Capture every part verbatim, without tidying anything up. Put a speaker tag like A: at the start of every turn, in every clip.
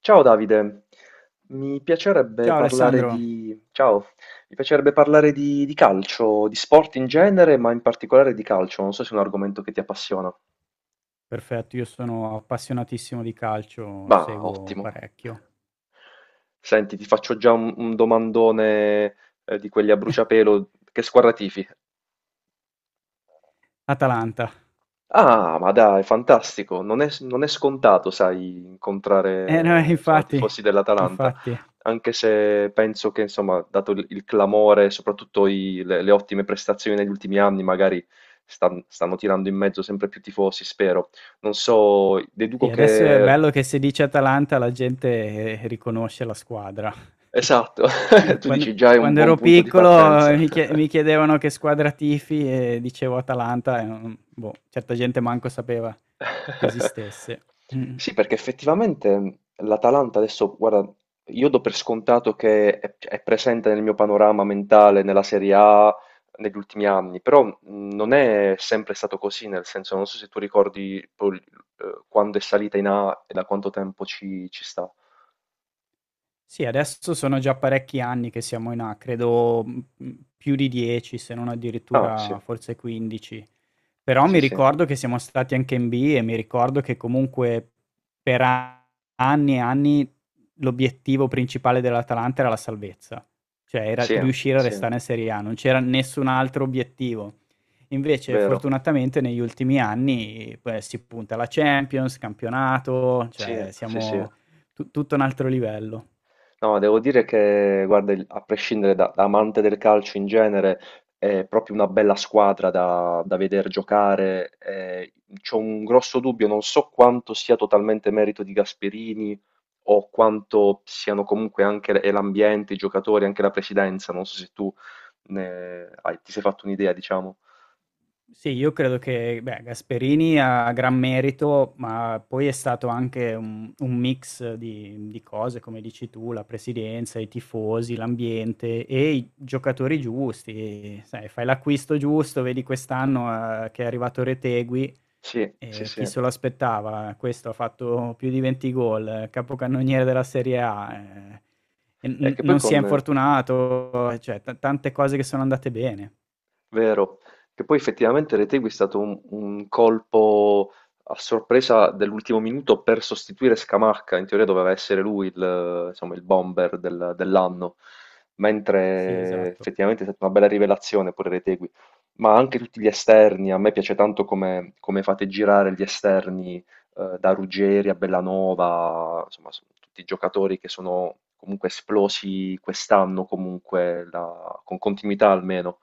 A: Ciao Davide. Mi piacerebbe
B: Ciao
A: parlare
B: Alessandro,
A: di... Ciao, mi piacerebbe parlare di, di calcio, di sport in genere, ma in particolare di calcio. Non so se è un argomento che ti appassiona.
B: perfetto, io sono appassionatissimo di calcio,
A: Ma
B: seguo
A: ottimo.
B: parecchio.
A: Senti, ti faccio già un, un domandone eh, di quelli a bruciapelo. Che squadra tifi?
B: Atalanta.
A: Ah, ma dai, fantastico. Non è, non è scontato, sai,
B: Eh no,
A: incontrare, insomma,
B: infatti,
A: tifosi dell'Atalanta,
B: infatti.
A: anche se penso che, insomma, dato il, il clamore, soprattutto i- le, le ottime prestazioni negli ultimi anni, magari stan- stanno tirando in mezzo sempre più tifosi, spero. Non so, deduco
B: Sì, adesso è
A: che.
B: bello che se dice Atalanta la gente eh, riconosce la squadra.
A: Esatto. Tu
B: Quando,
A: dici già è un
B: quando
A: buon
B: ero
A: punto di
B: piccolo
A: partenza.
B: eh, mi chie- mi chiedevano che squadra tifi e dicevo Atalanta e non- boh, certa gente manco sapeva che esistesse. Mm.
A: Sì, perché effettivamente l'Atalanta adesso, guarda, io do per scontato che è, cioè, è presente nel mio panorama mentale nella Serie A negli ultimi anni, però mh, non è sempre stato così, nel senso, non so se tu ricordi poi, eh, quando è salita in A e da quanto tempo ci, ci sta.
B: Sì, adesso sono già parecchi anni che siamo in A, credo, mhmm, più di dieci se non
A: Ah, sì,
B: addirittura forse quindici. Però
A: sì,
B: mi
A: sì,
B: ricordo che siamo stati anche in B e mi ricordo che comunque per a- anni e anni l'obiettivo principale dell'Atalanta era la salvezza, cioè era
A: sì,
B: riuscire a
A: sì,
B: restare in Serie A, non c'era nessun altro obiettivo. Invece
A: vero,
B: fortunatamente negli ultimi anni, beh, si punta alla Champions, campionato,
A: sì,
B: cioè
A: sì, sì.
B: siamo tu tutto un altro livello.
A: No, devo dire che, guarda, il- a prescindere da, da amante del calcio in genere, è proprio una bella squadra da, da vedere giocare. Eh, c'ho un grosso dubbio, non so quanto sia totalmente merito di Gasperini o quanto siano comunque anche l- e l'ambiente, i giocatori, anche la presidenza. Non so se tu ne hai- ti sei fatto un'idea, diciamo.
B: Sì, io credo che beh, Gasperini ha gran merito, ma poi è stato anche un, un mix di, di cose, come dici tu, la presidenza, i tifosi, l'ambiente e i giocatori giusti. Sai, fai l'acquisto giusto, vedi quest'anno eh, che è arrivato Retegui,
A: Sì, sì,
B: eh,
A: sì.
B: chi se lo aspettava? Questo ha fatto più di venti gol, eh, capocannoniere della Serie A, eh, e
A: È
B: n-
A: che poi
B: non si è
A: con,
B: infortunato, cioè t- tante cose che sono andate bene.
A: Vero, che poi effettivamente Retegui è stato un, un colpo a sorpresa dell'ultimo minuto per sostituire Scamacca, in teoria doveva essere lui il, insomma, il bomber del- dell'anno,
B: Sì,
A: mentre
B: esatto.
A: effettivamente è stata una bella rivelazione pure Retegui, ma anche tutti gli esterni, a me piace tanto come, come fate girare gli esterni eh, da Ruggeri a Bellanova, insomma sono tutti giocatori che sono comunque esplosi quest'anno, comunque la- con continuità almeno.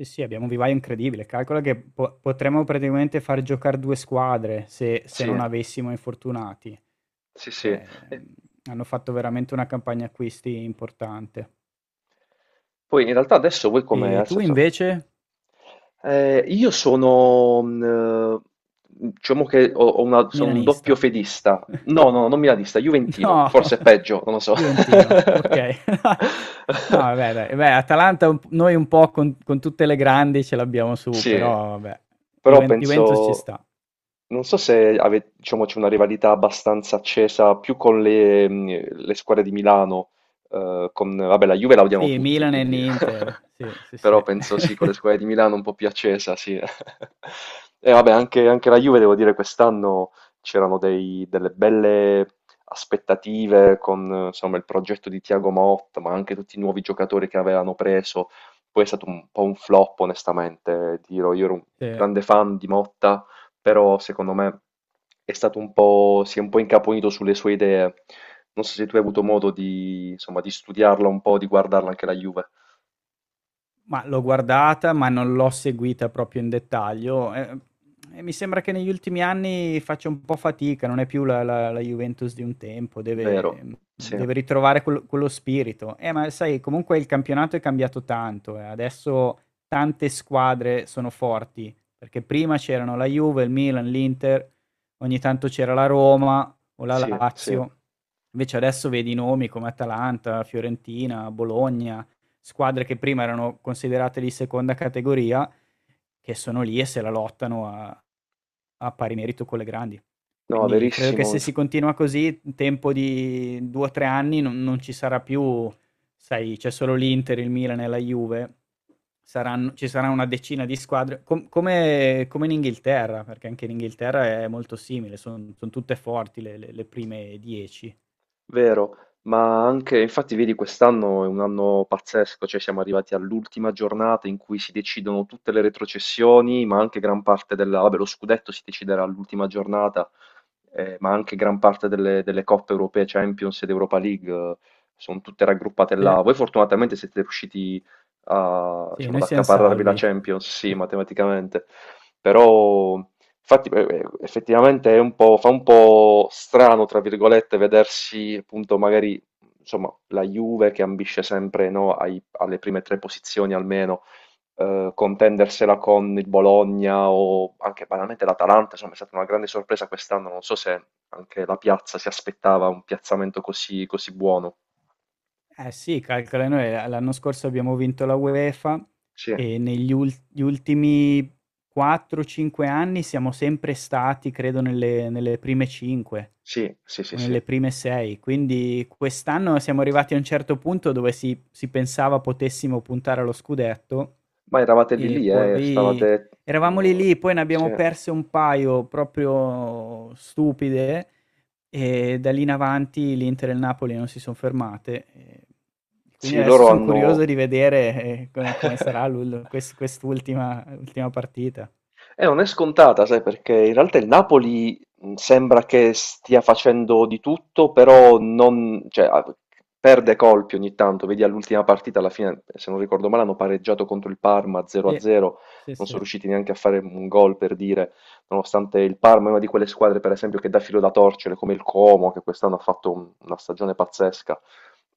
B: Sì, sì, abbiamo un vivaio incredibile. Calcola che po- potremmo praticamente far giocare due squadre se, se
A: Sì,
B: non avessimo infortunati,
A: sì, sì.
B: perché mm,
A: E
B: hanno fatto veramente una campagna acquisti importante.
A: poi in realtà adesso voi come,
B: E
A: nel
B: tu
A: senso,
B: invece,
A: eh, io sono, mh, eh, diciamo che ho, ho una- sono un doppio
B: milanista?
A: fedista, no, no, no, non milanista, juventino,
B: No,
A: forse è peggio, non lo so.
B: Juventino, ok. No, vabbè, dai. Beh, Atalanta un- noi un po' con, con tutte le grandi ce l'abbiamo su,
A: Sì,
B: però vabbè,
A: però
B: Juven- Juventus ci
A: penso,
B: sta.
A: non so se ave- diciamo, c'è una rivalità abbastanza accesa più con le, mh, le squadre di Milano, eh, con, vabbè, la Juve la odiano
B: Sì,
A: tutti,
B: Milan e
A: quindi,
B: Inter, sì, sì,
A: però
B: sì.
A: penso sì, con le squadre di Milano un po' più accesa, sì. E vabbè, anche, anche la Juve, devo dire, quest'anno c'erano dei- delle belle aspettative con, eh, insomma, il progetto di Thiago Motta, ma anche tutti i nuovi giocatori che avevano preso poi è stato un po' un flop onestamente, ti dirò, io ero un
B: Sì.
A: grande fan di Motta, però secondo me è stato un po', si è un po' incaponito sulle sue idee. Non so se tu hai avuto modo di, insomma, di studiarla un po', di guardarla anche la Juve.
B: Ma l'ho guardata, ma non l'ho seguita proprio in dettaglio. E, e mi sembra che negli ultimi anni faccia un po' fatica, non è più la, la- la Juventus di un tempo,
A: Vero,
B: deve,
A: sì,
B: deve ritrovare quel- quello spirito. Eh, ma sai, comunque il campionato è cambiato tanto, eh. Adesso tante squadre sono forti, perché prima c'erano la Juve, il Milan, l'Inter, ogni tanto c'era la Roma o la
A: sì, sì.
B: Lazio. Invece adesso vedi nomi come Atalanta, Fiorentina, Bologna, squadre che prima erano considerate di seconda categoria che sono lì e se la lottano a, a pari merito con le grandi.
A: No,
B: Quindi credo che
A: verissimo.
B: se si continua così, in tempo di due o tre anni non, non ci sarà più, sai, c'è solo l'Inter, il Milan e la Juve, saranno, ci sarà una decina di squadre, com- come, come in Inghilterra, perché anche in Inghilterra è molto simile, sono son tutte forti le, le- le prime dieci.
A: Vero, ma anche, infatti vedi quest'anno è un anno pazzesco, cioè siamo arrivati all'ultima giornata in cui si decidono tutte le retrocessioni, ma anche gran parte della, vabbè, lo scudetto si deciderà all'ultima giornata, eh, ma anche gran parte delle, delle coppe europee, Champions ed Europa League, eh, sono tutte raggruppate
B: Sì.
A: là. Voi fortunatamente siete riusciti a,
B: Sì,
A: diciamo, ad
B: noi siamo
A: accaparrarvi la
B: salvi.
A: Champions, sì, matematicamente, però. Infatti, eh, eh, effettivamente è un po', fa un po' strano, tra virgolette, vedersi appunto magari insomma, la Juve che ambisce sempre no, ai- alle prime tre posizioni almeno, eh, contendersela con il Bologna o anche banalmente l'Atalanta. Insomma, è stata una grande sorpresa quest'anno. Non so se anche la piazza si aspettava un piazzamento così, così buono.
B: Eh sì, calcola noi l l'anno scorso abbiamo vinto la UEFA
A: Sì,
B: e negli ul gli ultimi quattro, cinque anni siamo sempre stati, credo, nelle nelle prime cinque
A: sì, sì, sì,
B: o
A: sì.
B: nelle prime sei. Quindi quest'anno siamo arrivati a un certo punto dove si si pensava potessimo puntare allo scudetto
A: Ma eravate lì
B: e
A: lì, eh,
B: poi
A: stavate.
B: eravamo lì
A: Eh,
B: lì, poi ne
A: sì.
B: abbiamo perse un paio proprio stupide e da lì in avanti l'Inter e il Napoli non si sono fermate. E quindi
A: Sì,
B: adesso
A: loro
B: sono curioso
A: hanno.
B: di vedere eh, co- come sarà l'ul- quest- quest'ultima ultima partita.
A: Eh, non è scontata, sai, perché in realtà il Napoli mh, sembra che stia facendo di tutto, però non, cioè, ah, perde colpi ogni tanto. Vedi all'ultima partita, alla fine, se non ricordo male, hanno pareggiato contro il Parma
B: Sì,
A: zero a zero,
B: sì,
A: non sono
B: sì.
A: riusciti neanche a fare un gol per dire, nonostante il Parma è una di quelle squadre, per esempio, che dà filo da torcere, come il Como, che quest'anno ha fatto un- una stagione pazzesca.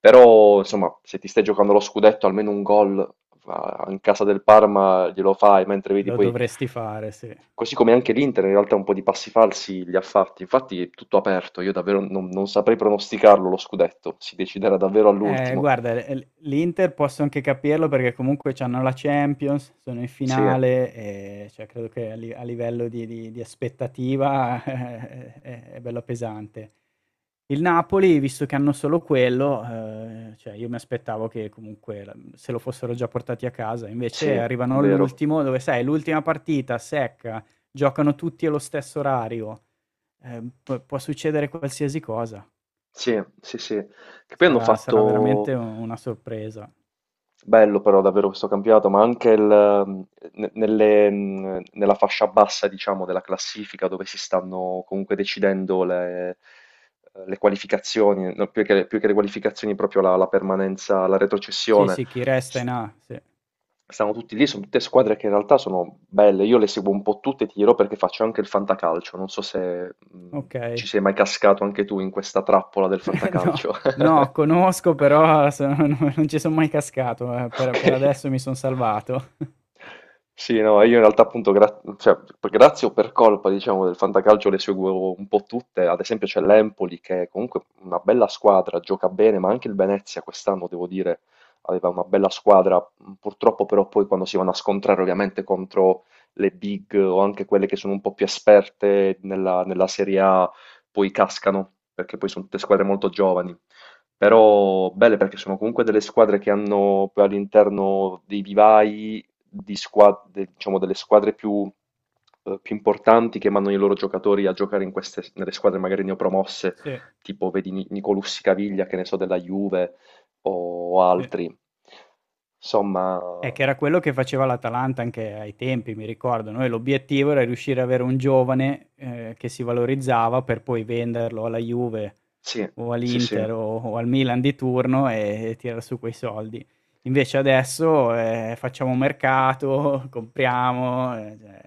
A: Però, insomma, se ti stai giocando lo scudetto, almeno un gol ah, in casa del Parma glielo fai, mentre vedi
B: Lo
A: poi.
B: dovresti fare, sì.
A: Così come anche l'Inter in realtà un po' di passi falsi li ha fatti, infatti è tutto aperto, io davvero non, non saprei pronosticarlo lo scudetto, si deciderà davvero
B: Eh,
A: all'ultimo.
B: guarda, l l l'Inter posso anche capirlo perché comunque c'hanno la Champions, sono in
A: Sì,
B: finale e cioè credo che a li a livello di di di aspettativa è è è bella pesante. Il Napoli, visto che hanno solo quello, ehm, cioè io mi aspettavo che comunque la se lo fossero già portati a casa, invece
A: sì,
B: arrivano
A: vero,
B: all'ultimo dove sai l'ultima partita secca, giocano tutti allo stesso orario, ehm, p può succedere qualsiasi cosa.
A: sì, sì, sì, che poi hanno
B: Sarà sarà veramente
A: fatto.
B: u una sorpresa.
A: Bello però davvero questo campionato, ma anche il, ehm, ne- nelle, mh, nella fascia bassa, diciamo, della classifica dove si stanno comunque decidendo le, le qualificazioni, no, più che, più che le qualificazioni, proprio la, la permanenza, la
B: Sì,
A: retrocessione.
B: sì, chi resta
A: S-
B: in A, sì.
A: Stanno tutti lì, sono tutte squadre che in realtà sono belle. Io le seguo un po' tutte, ti dirò perché faccio anche il fantacalcio. Non so se mh, ci
B: Okay.
A: sei mai cascato anche tu in questa trappola del
B: No,
A: fantacalcio.
B: no, conosco però sono no non ci son mai cascato, eh, per per
A: Okay.
B: adesso mi son salvato.
A: Sì, no, io in realtà appunto gra cioè p grazie o per colpa diciamo del fantacalcio le seguo un po' tutte, ad esempio c'è l'Empoli che è comunque una bella squadra, gioca bene, ma anche il Venezia quest'anno devo dire aveva una bella squadra, mhmm, purtroppo però poi quando si vanno a scontrare ovviamente contro le big o anche quelle che sono un po' più esperte nella nella Serie A, poi cascano, perché poi son tutte squadre molto giovani. Però belle perché sono comunque delle squadre che hanno poi all'interno dei vivai di squa- de- diciamo, delle squadre più, eh, più importanti che mandano i loro giocatori a giocare in queste, nelle squadre magari neopromosse,
B: Sì,
A: tipo vedi Ni- Nicolussi Caviglia, che ne so, della Juve o
B: sì.
A: altri. Insomma,
B: Eh, che era quello che faceva l'Atalanta anche ai tempi, mi ricordo. Noi l'obiettivo era riuscire a avere un giovane, ehm, che si valorizzava per poi venderlo alla Juve,
A: sì,
B: o
A: sì, sì.
B: all'Inter o o al Milan di turno e e tirar su quei soldi. Invece adesso, ehm, facciamo mercato, compriamo, ehm, cioè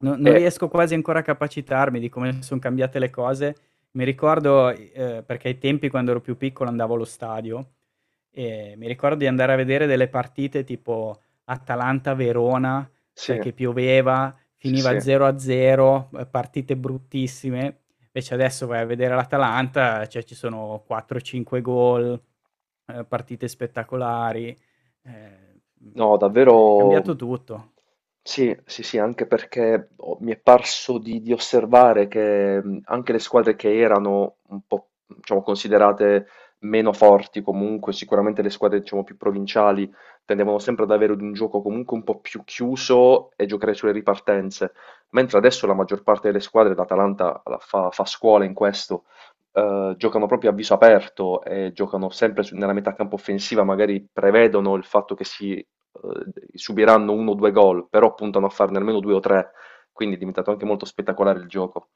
B: no non
A: E,
B: riesco quasi ancora a capacitarmi di come son cambiate le cose. Mi ricordo i ehm, perché ai tempi quando ero più piccolo andavo allo stadio, e mi ricordo di andare a vedere delle partite tipo Atalanta-Verona,
A: sì,
B: sai che pioveva,
A: sì,
B: finiva
A: sì.
B: zero a zero, ehm, partite bruttissime. Invece adesso vai a vedere l'Atalanta, cioè ci sono quattro a cinque gol, eh, partite spettacolari, eh,
A: No,
B: mm,
A: davvero
B: è cambiato tutto.
A: sì, sì, sì, anche perché ho- mi è parso di, di osservare che mh, anche le squadre che erano un po', diciamo, considerate meno forti comunque, sicuramente le squadre, diciamo, più provinciali tendevano sempre ad avere un gioco comunque un po' più chiuso e giocare sulle ripartenze, mentre adesso la maggior parte delle squadre, l'Atalanta la fa, fa scuola in questo, eh, giocano proprio a viso aperto e giocano sempre su- nella metà campo offensiva, magari prevedono il fatto che si eh, subiranno uno o due gol, però puntano a farne almeno due o tre, quindi è diventato anche molto spettacolare il gioco.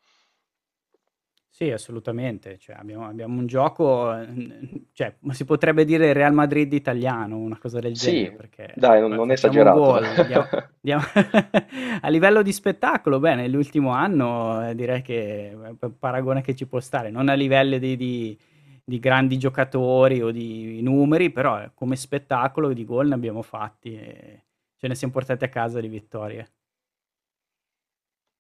B: Sì, assolutamente. Cioè, abbiamo abbiamo un gioco, ehm, cioè, ma si potrebbe dire Real Madrid italiano, una cosa del
A: Sì,
B: genere,
A: dai,
B: perché
A: non,
B: fa
A: non è
B: facciamo
A: esagerato.
B: gol, dia dia a livello di spettacolo, beh, nell'ultimo anno, ehm, direi che è p paragone che ci può stare, non a livelli di di di grandi giocatori o di numeri, però eh, come spettacolo di gol ne abbiamo fatti e ce ne siam portati a casa di vittorie.